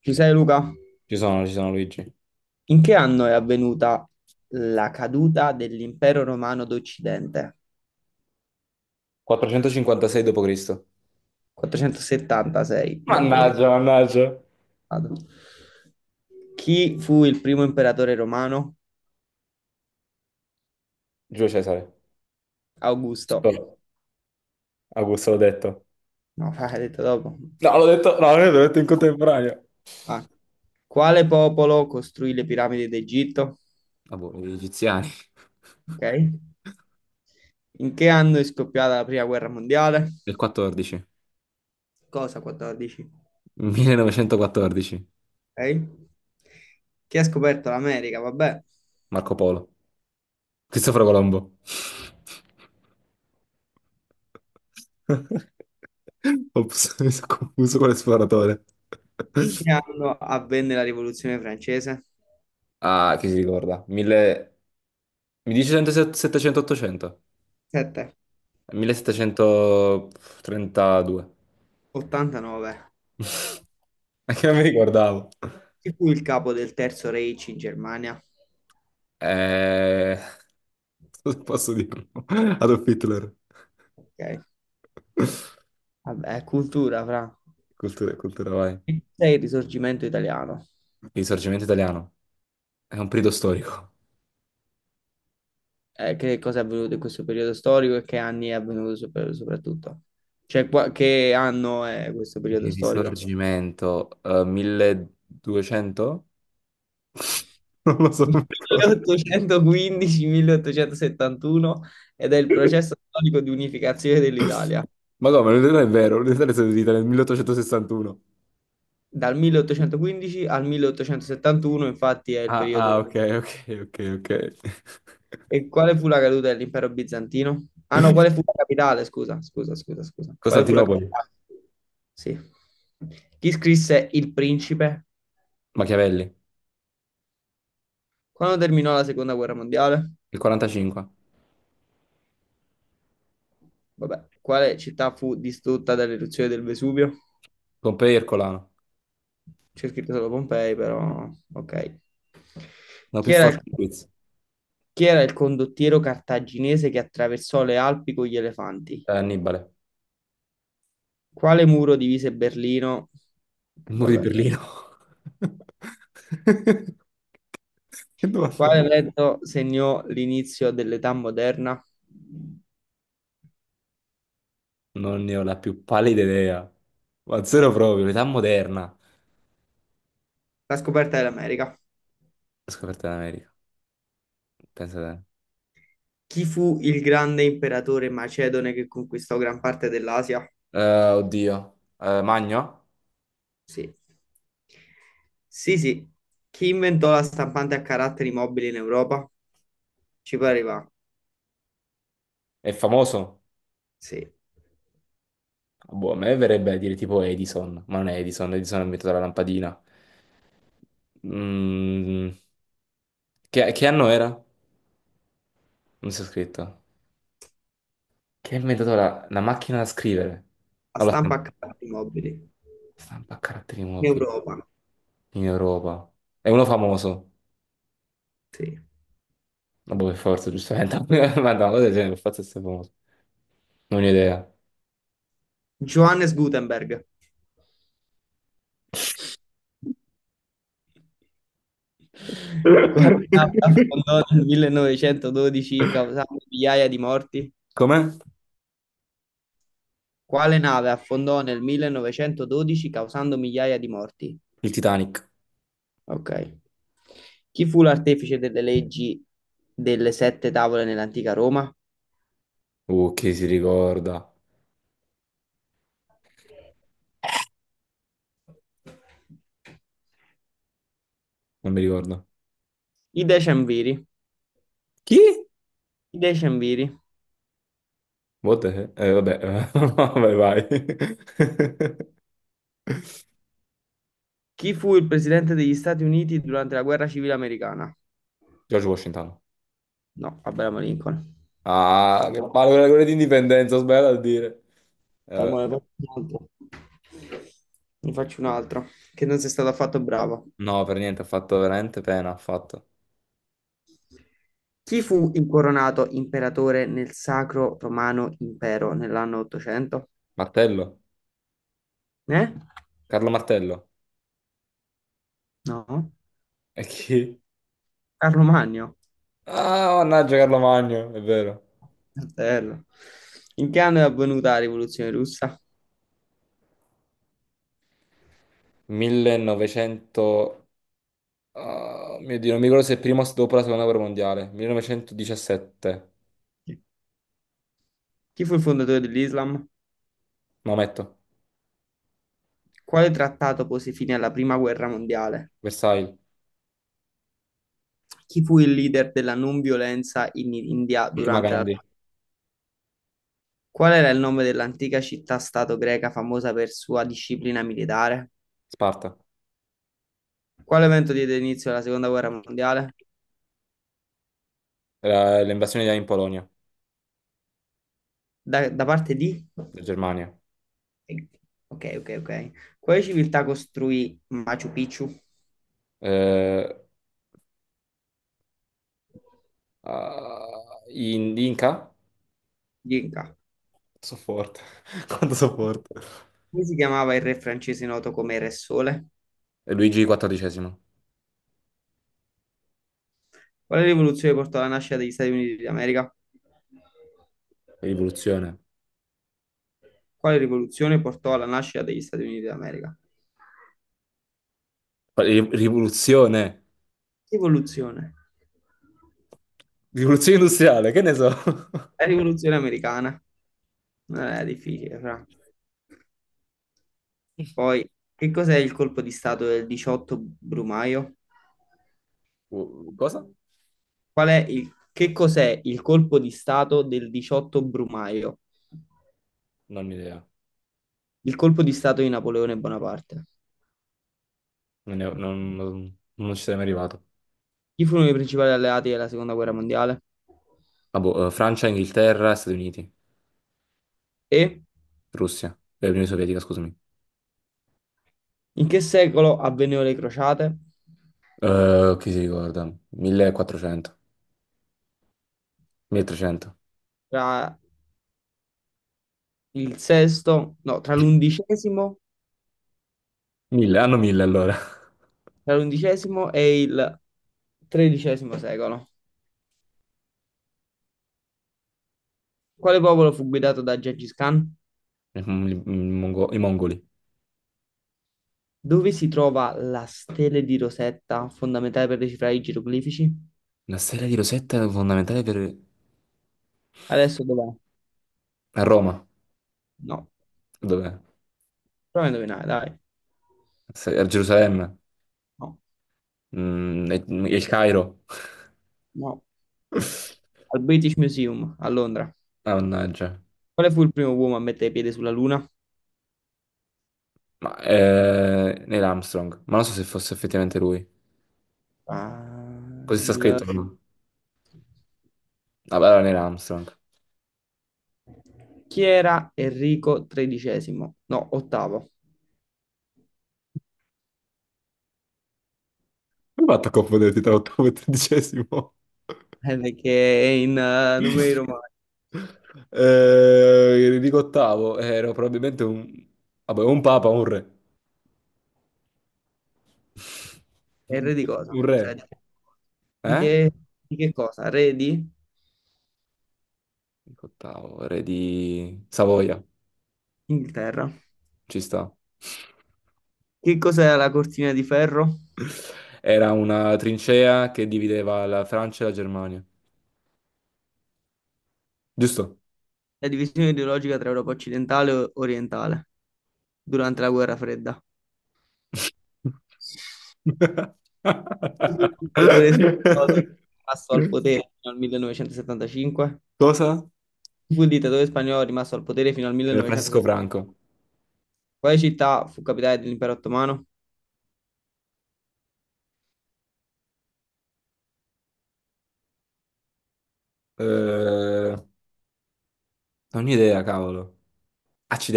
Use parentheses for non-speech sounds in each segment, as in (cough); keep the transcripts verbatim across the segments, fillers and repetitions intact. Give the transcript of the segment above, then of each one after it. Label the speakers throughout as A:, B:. A: Ci sei Luca?
B: Ci sono, ci sono Luigi.
A: In che anno è avvenuta la caduta dell'impero romano d'Occidente?
B: quattrocentocinquantasei dopo Cristo.
A: quattrocentosettantasei dopo Cristo.
B: Mannaggia, mannaggia.
A: Chi fu il primo imperatore romano?
B: Giulio Cesare.
A: Augusto.
B: Sto- Augusto l'ho detto.
A: No, (laughs) fa- hai detto dopo.
B: No, l'ho detto, no, l'ho detto in contemporanea.
A: Ah. Quale popolo costruì le piramidi d'Egitto?
B: Ah, boh, gli egiziani.
A: Ok. In che anno è scoppiata la prima guerra mondiale?
B: Del quattordici.
A: Cosa quattordici?
B: millenovecentoquattordici.
A: Ok. Chi ha scoperto l'America? Vabbè.
B: Marco Polo. Cristoforo Colombo. (laughs) Ops, mi sono confuso con l'esploratore.
A: In che anno avvenne la rivoluzione francese?
B: Ah, chi si ricorda? Mille. Mi dice settecento, ottocento?
A: sette,
B: millesettecentotrentadue.
A: ottantanove.
B: Anche a me guardavo.
A: Chi fu il capo del Terzo Reich in Germania?
B: Eh, cosa posso dirlo? Adolf Hitler.
A: Ok, vabbè, cultura, fra.
B: Cultura, cultura, vai. Il
A: Che cos'è il risorgimento italiano?
B: risorgimento italiano. È un periodo storico.
A: Eh, che cosa è avvenuto in questo periodo storico e che anni è avvenuto sopra- soprattutto? Cioè, qua- che anno è questo periodo
B: Il
A: storico?
B: risorgimento, eh, milleduecento? Non lo so, non mi ricordo.
A: milleottocentoquindici-milleottocentosettantuno ed è il processo storico di unificazione dell'Italia.
B: Ma come, non è vero, l'Italia è stata d'Italia nel milleottocentosessantuno.
A: Dal milleottocentoquindici al milleottocentosettantuno, infatti, è il
B: Ah,
A: periodo.
B: ah, ok, ok, ok, ok.
A: E quale fu la caduta dell'impero bizantino? Ah no, quale fu la capitale? Scusa, scusa, scusa, scusa. Quale fu la
B: Costantinopoli,
A: capitale? Sì. Chi scrisse Il Principe?
B: Machiavelli,
A: Quando terminò la seconda guerra mondiale?
B: il quarantacinque.
A: Vabbè, quale città fu distrutta dall'eruzione del Vesuvio?
B: Pompei e Ercolano.
A: C'è scritto solo Pompei, però ok.
B: No,
A: Chi
B: più
A: era
B: forte
A: il,
B: di quiz.
A: chi era il condottiero cartaginese che attraversò le Alpi con gli elefanti?
B: Eh, Annibale.
A: Quale muro divise Berlino?
B: Il muro di
A: Vabbè.
B: Berlino. (laughs) Che domanda è?
A: Quale evento segnò l'inizio dell'età moderna?
B: Non ne ho la più pallida idea. Ma zero proprio, l'età moderna.
A: La scoperta dell'America.
B: La scoperta dell'America. Pensa te.
A: Chi fu il grande imperatore macedone che conquistò gran parte dell'Asia?
B: Eh, oddio. Eh, Magno?
A: Sì. Sì, sì. Chi inventò la stampante a caratteri mobili in Europa? Ci pareva.
B: È famoso?
A: Sì.
B: Boh, a me verrebbe a dire tipo Edison, ma non è Edison, Edison ha inventato la lampadina. Mm, che, che anno era? Non si è scritto. Che ha inventato la, la macchina da scrivere?
A: La
B: No, la
A: stampa
B: stampa.
A: a caratteri mobili in
B: Stampa a caratteri mobili.
A: Europa.
B: in Europa. È uno famoso.
A: Sì.
B: Vabbè, per forza, giustamente. (laughs) Ma no, cosa del genere, per forza è famoso. Non ho idea.
A: Johannes Gutenberg. Quale città fondò nel millenovecentododici causando migliaia di morti?
B: Com'è?
A: Quale nave affondò nel millenovecentododici causando migliaia di morti?
B: Il Titanic.
A: Ok. Chi fu l'artefice delle leggi delle sette tavole nell'antica Roma?
B: Uh, chi si ricorda? Non mi ricordo.
A: I Decemviri.
B: Chi?
A: I Decemviri.
B: What the hell? Eh, vabbè, eh, (laughs) vai, vai. (laughs)
A: Chi fu il presidente degli Stati Uniti durante la guerra civile americana?
B: George Washington.
A: No, Abraham Lincoln.
B: Ah, che palle quella quella di indipendenza, ho sbagliato a dire. Eh,
A: Dai,
B: vabbè.
A: mo ne faccio un altro. Ne faccio un altro, che non sei stato affatto bravo.
B: No, per niente, ha fatto veramente pena, ha fatto.
A: Chi fu incoronato imperatore nel Sacro Romano Impero nell'anno ottocento?
B: Martello?
A: Eh?
B: Carlo Martello?
A: No?
B: E chi?
A: Carlo Magno.
B: Ah, mannaggia Carlo Magno, è vero.
A: Fratello. In che anno è avvenuta la rivoluzione russa?
B: millenovecento. Ah, mio Dio, non mi ricordo se è prima o dopo la seconda guerra mondiale. millenovecentodiciassette.
A: Chi fu il fondatore dell'Islam?
B: Maometto,
A: Quale trattato pose fine alla prima guerra mondiale?
B: Versailles,
A: Chi fu il leader della non violenza in India
B: Fatima
A: durante la...
B: Gandhi,
A: Qual era il nome dell'antica città-stato greca famosa per sua disciplina militare?
B: Sparta.
A: Quale evento diede inizio alla seconda guerra mondiale?
B: Era l'invasione in Polonia,
A: Da, da parte di?
B: in Germania.
A: Ok, ok, ok. Quale civiltà costruì Machu Picchu?
B: Eh, ah, in Inca?
A: Inca.
B: So forte. (laughs) Quanto so forte.
A: Come si chiamava il re francese noto come Re Sole?
B: E Luigi quattordicesimo.
A: Quale rivoluzione portò alla nascita degli Stati Uniti d'America?
B: Rivoluzione.
A: Quale rivoluzione portò alla nascita degli Stati Uniti d'America?
B: Ri- Rivoluzione.
A: Rivoluzione.
B: Rivoluzione industriale, che ne so? (laughs)
A: La rivoluzione americana. Non era difficile, fra. Poi, che cos'è il colpo di stato del diciotto Brumaio?
B: Uh, Cosa?
A: Qual è il, che cos'è il colpo di stato del diciotto Brumaio?
B: Non ho idea.
A: Il colpo di stato di Napoleone Bonaparte.
B: Non, ne ho- non- non- non ci sarei mai arrivato.
A: Chi furono i principali alleati della seconda guerra mondiale?
B: Ah, boh, eh, Francia, Inghilterra, Stati Uniti,
A: E
B: Russia, eh, Unione Sovietica, scusami.
A: in che secolo avvennero le crociate?
B: Eh, chi si ricorda? millequattrocento, milletrecento,
A: Tra il sesto, no, tra l'undicesimo,
B: mille, hanno mille allora. (laughs)
A: tra l'undicesimo e il tredicesimo secolo. Quale popolo fu guidato da Gengis Khan?
B: I, mongo- i mongoli.
A: Dove si trova la stele di Rosetta, fondamentale per decifrare i geroglifici?
B: Una serie di Rosetta è fondamentale per.
A: Adesso dov'è?
B: A Roma,
A: No,
B: dov'è?
A: prova a indovinare, dai.
B: Se- A Gerusalemme,
A: No,
B: Mm, e- e il Cairo.
A: no, al British Museum a Londra.
B: (laughs) Mannaggia.
A: Quale fu il primo uomo a mettere piede sulla Luna?
B: Ma, eh, Neil Armstrong, ma non so se fosse effettivamente lui.
A: Ah,
B: Così sta
A: il...
B: scritto, però. Vabbè, allora Neil Armstrong.
A: Chi era Enrico tredicesimo? No, ottavo. (laughs)
B: Come hai fatto a confonderti tra ottavo e tredicesimo?
A: Eh, perché è in eh, numeri romani.
B: Eh, dico ottavo, ero probabilmente un. Vabbè, un papa, un re.
A: È il re di cosa?
B: Un
A: Cioè,
B: re.
A: di, di
B: Eh?
A: che, di che cosa? Re di
B: Dico ottavo, re di Savoia,
A: Inghilterra.
B: ci sta.
A: Che cos'era la cortina di ferro?
B: Era una trincea che divideva la Francia e la Germania. Giusto?
A: La divisione ideologica tra Europa occidentale e orientale durante la guerra fredda. (laughs) Il dittatore spagnolo è rimasto al potere fino al millenovecentosettantacinque.
B: Cosa?
A: Fu il dittatore spagnolo rimasto al potere fino al
B: Eh, Francesco
A: millenovecentosettanta.
B: Franco.
A: Quale città fu capitale dell'impero ottomano?
B: Eh, non ho idea, cavolo.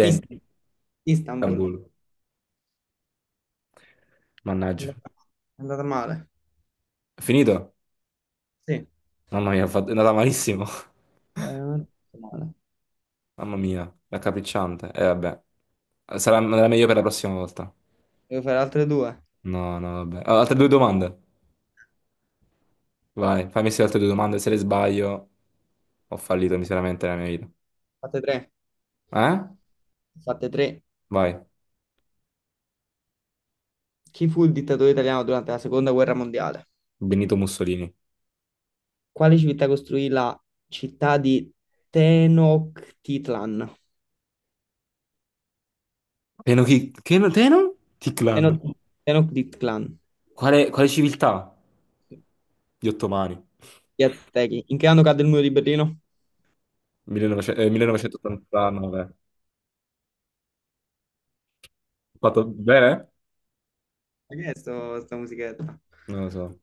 A: Ist- Istanbul.
B: Istanbul.
A: È
B: Mannaggia.
A: andata male.
B: Finito?
A: Sì, Eh,
B: Mamma mia, ho fatto- è andata malissimo.
A: non è andata male.
B: (laughs) Mamma mia, raccapricciante. E vabbè, sarà sarà meglio per la prossima volta.
A: Devo fare altre due.
B: No, no, vabbè. Ah, altre due domande. Vai, fammi sì altre due domande. Se le sbaglio, ho fallito miseramente nella mia vita.
A: Fatte tre.
B: Eh?
A: Fatte tre.
B: Vai.
A: Chi fu il dittatore italiano durante la seconda guerra mondiale?
B: Benito Mussolini.
A: Quale città costruì la città di Tenochtitlan?
B: Teno chi? Teno? Teno? Chiclan.
A: Tenoch- Tenochtitlan.
B: Quale, quale civiltà? Gli ottomani.
A: Gli Aztechi. In che anno cadde il muro di Berlino?
B: millenovecento eh, millenovecentottantanove. Ho fatto bene?
A: Ma che è sto, sta musichetta?
B: Non lo so.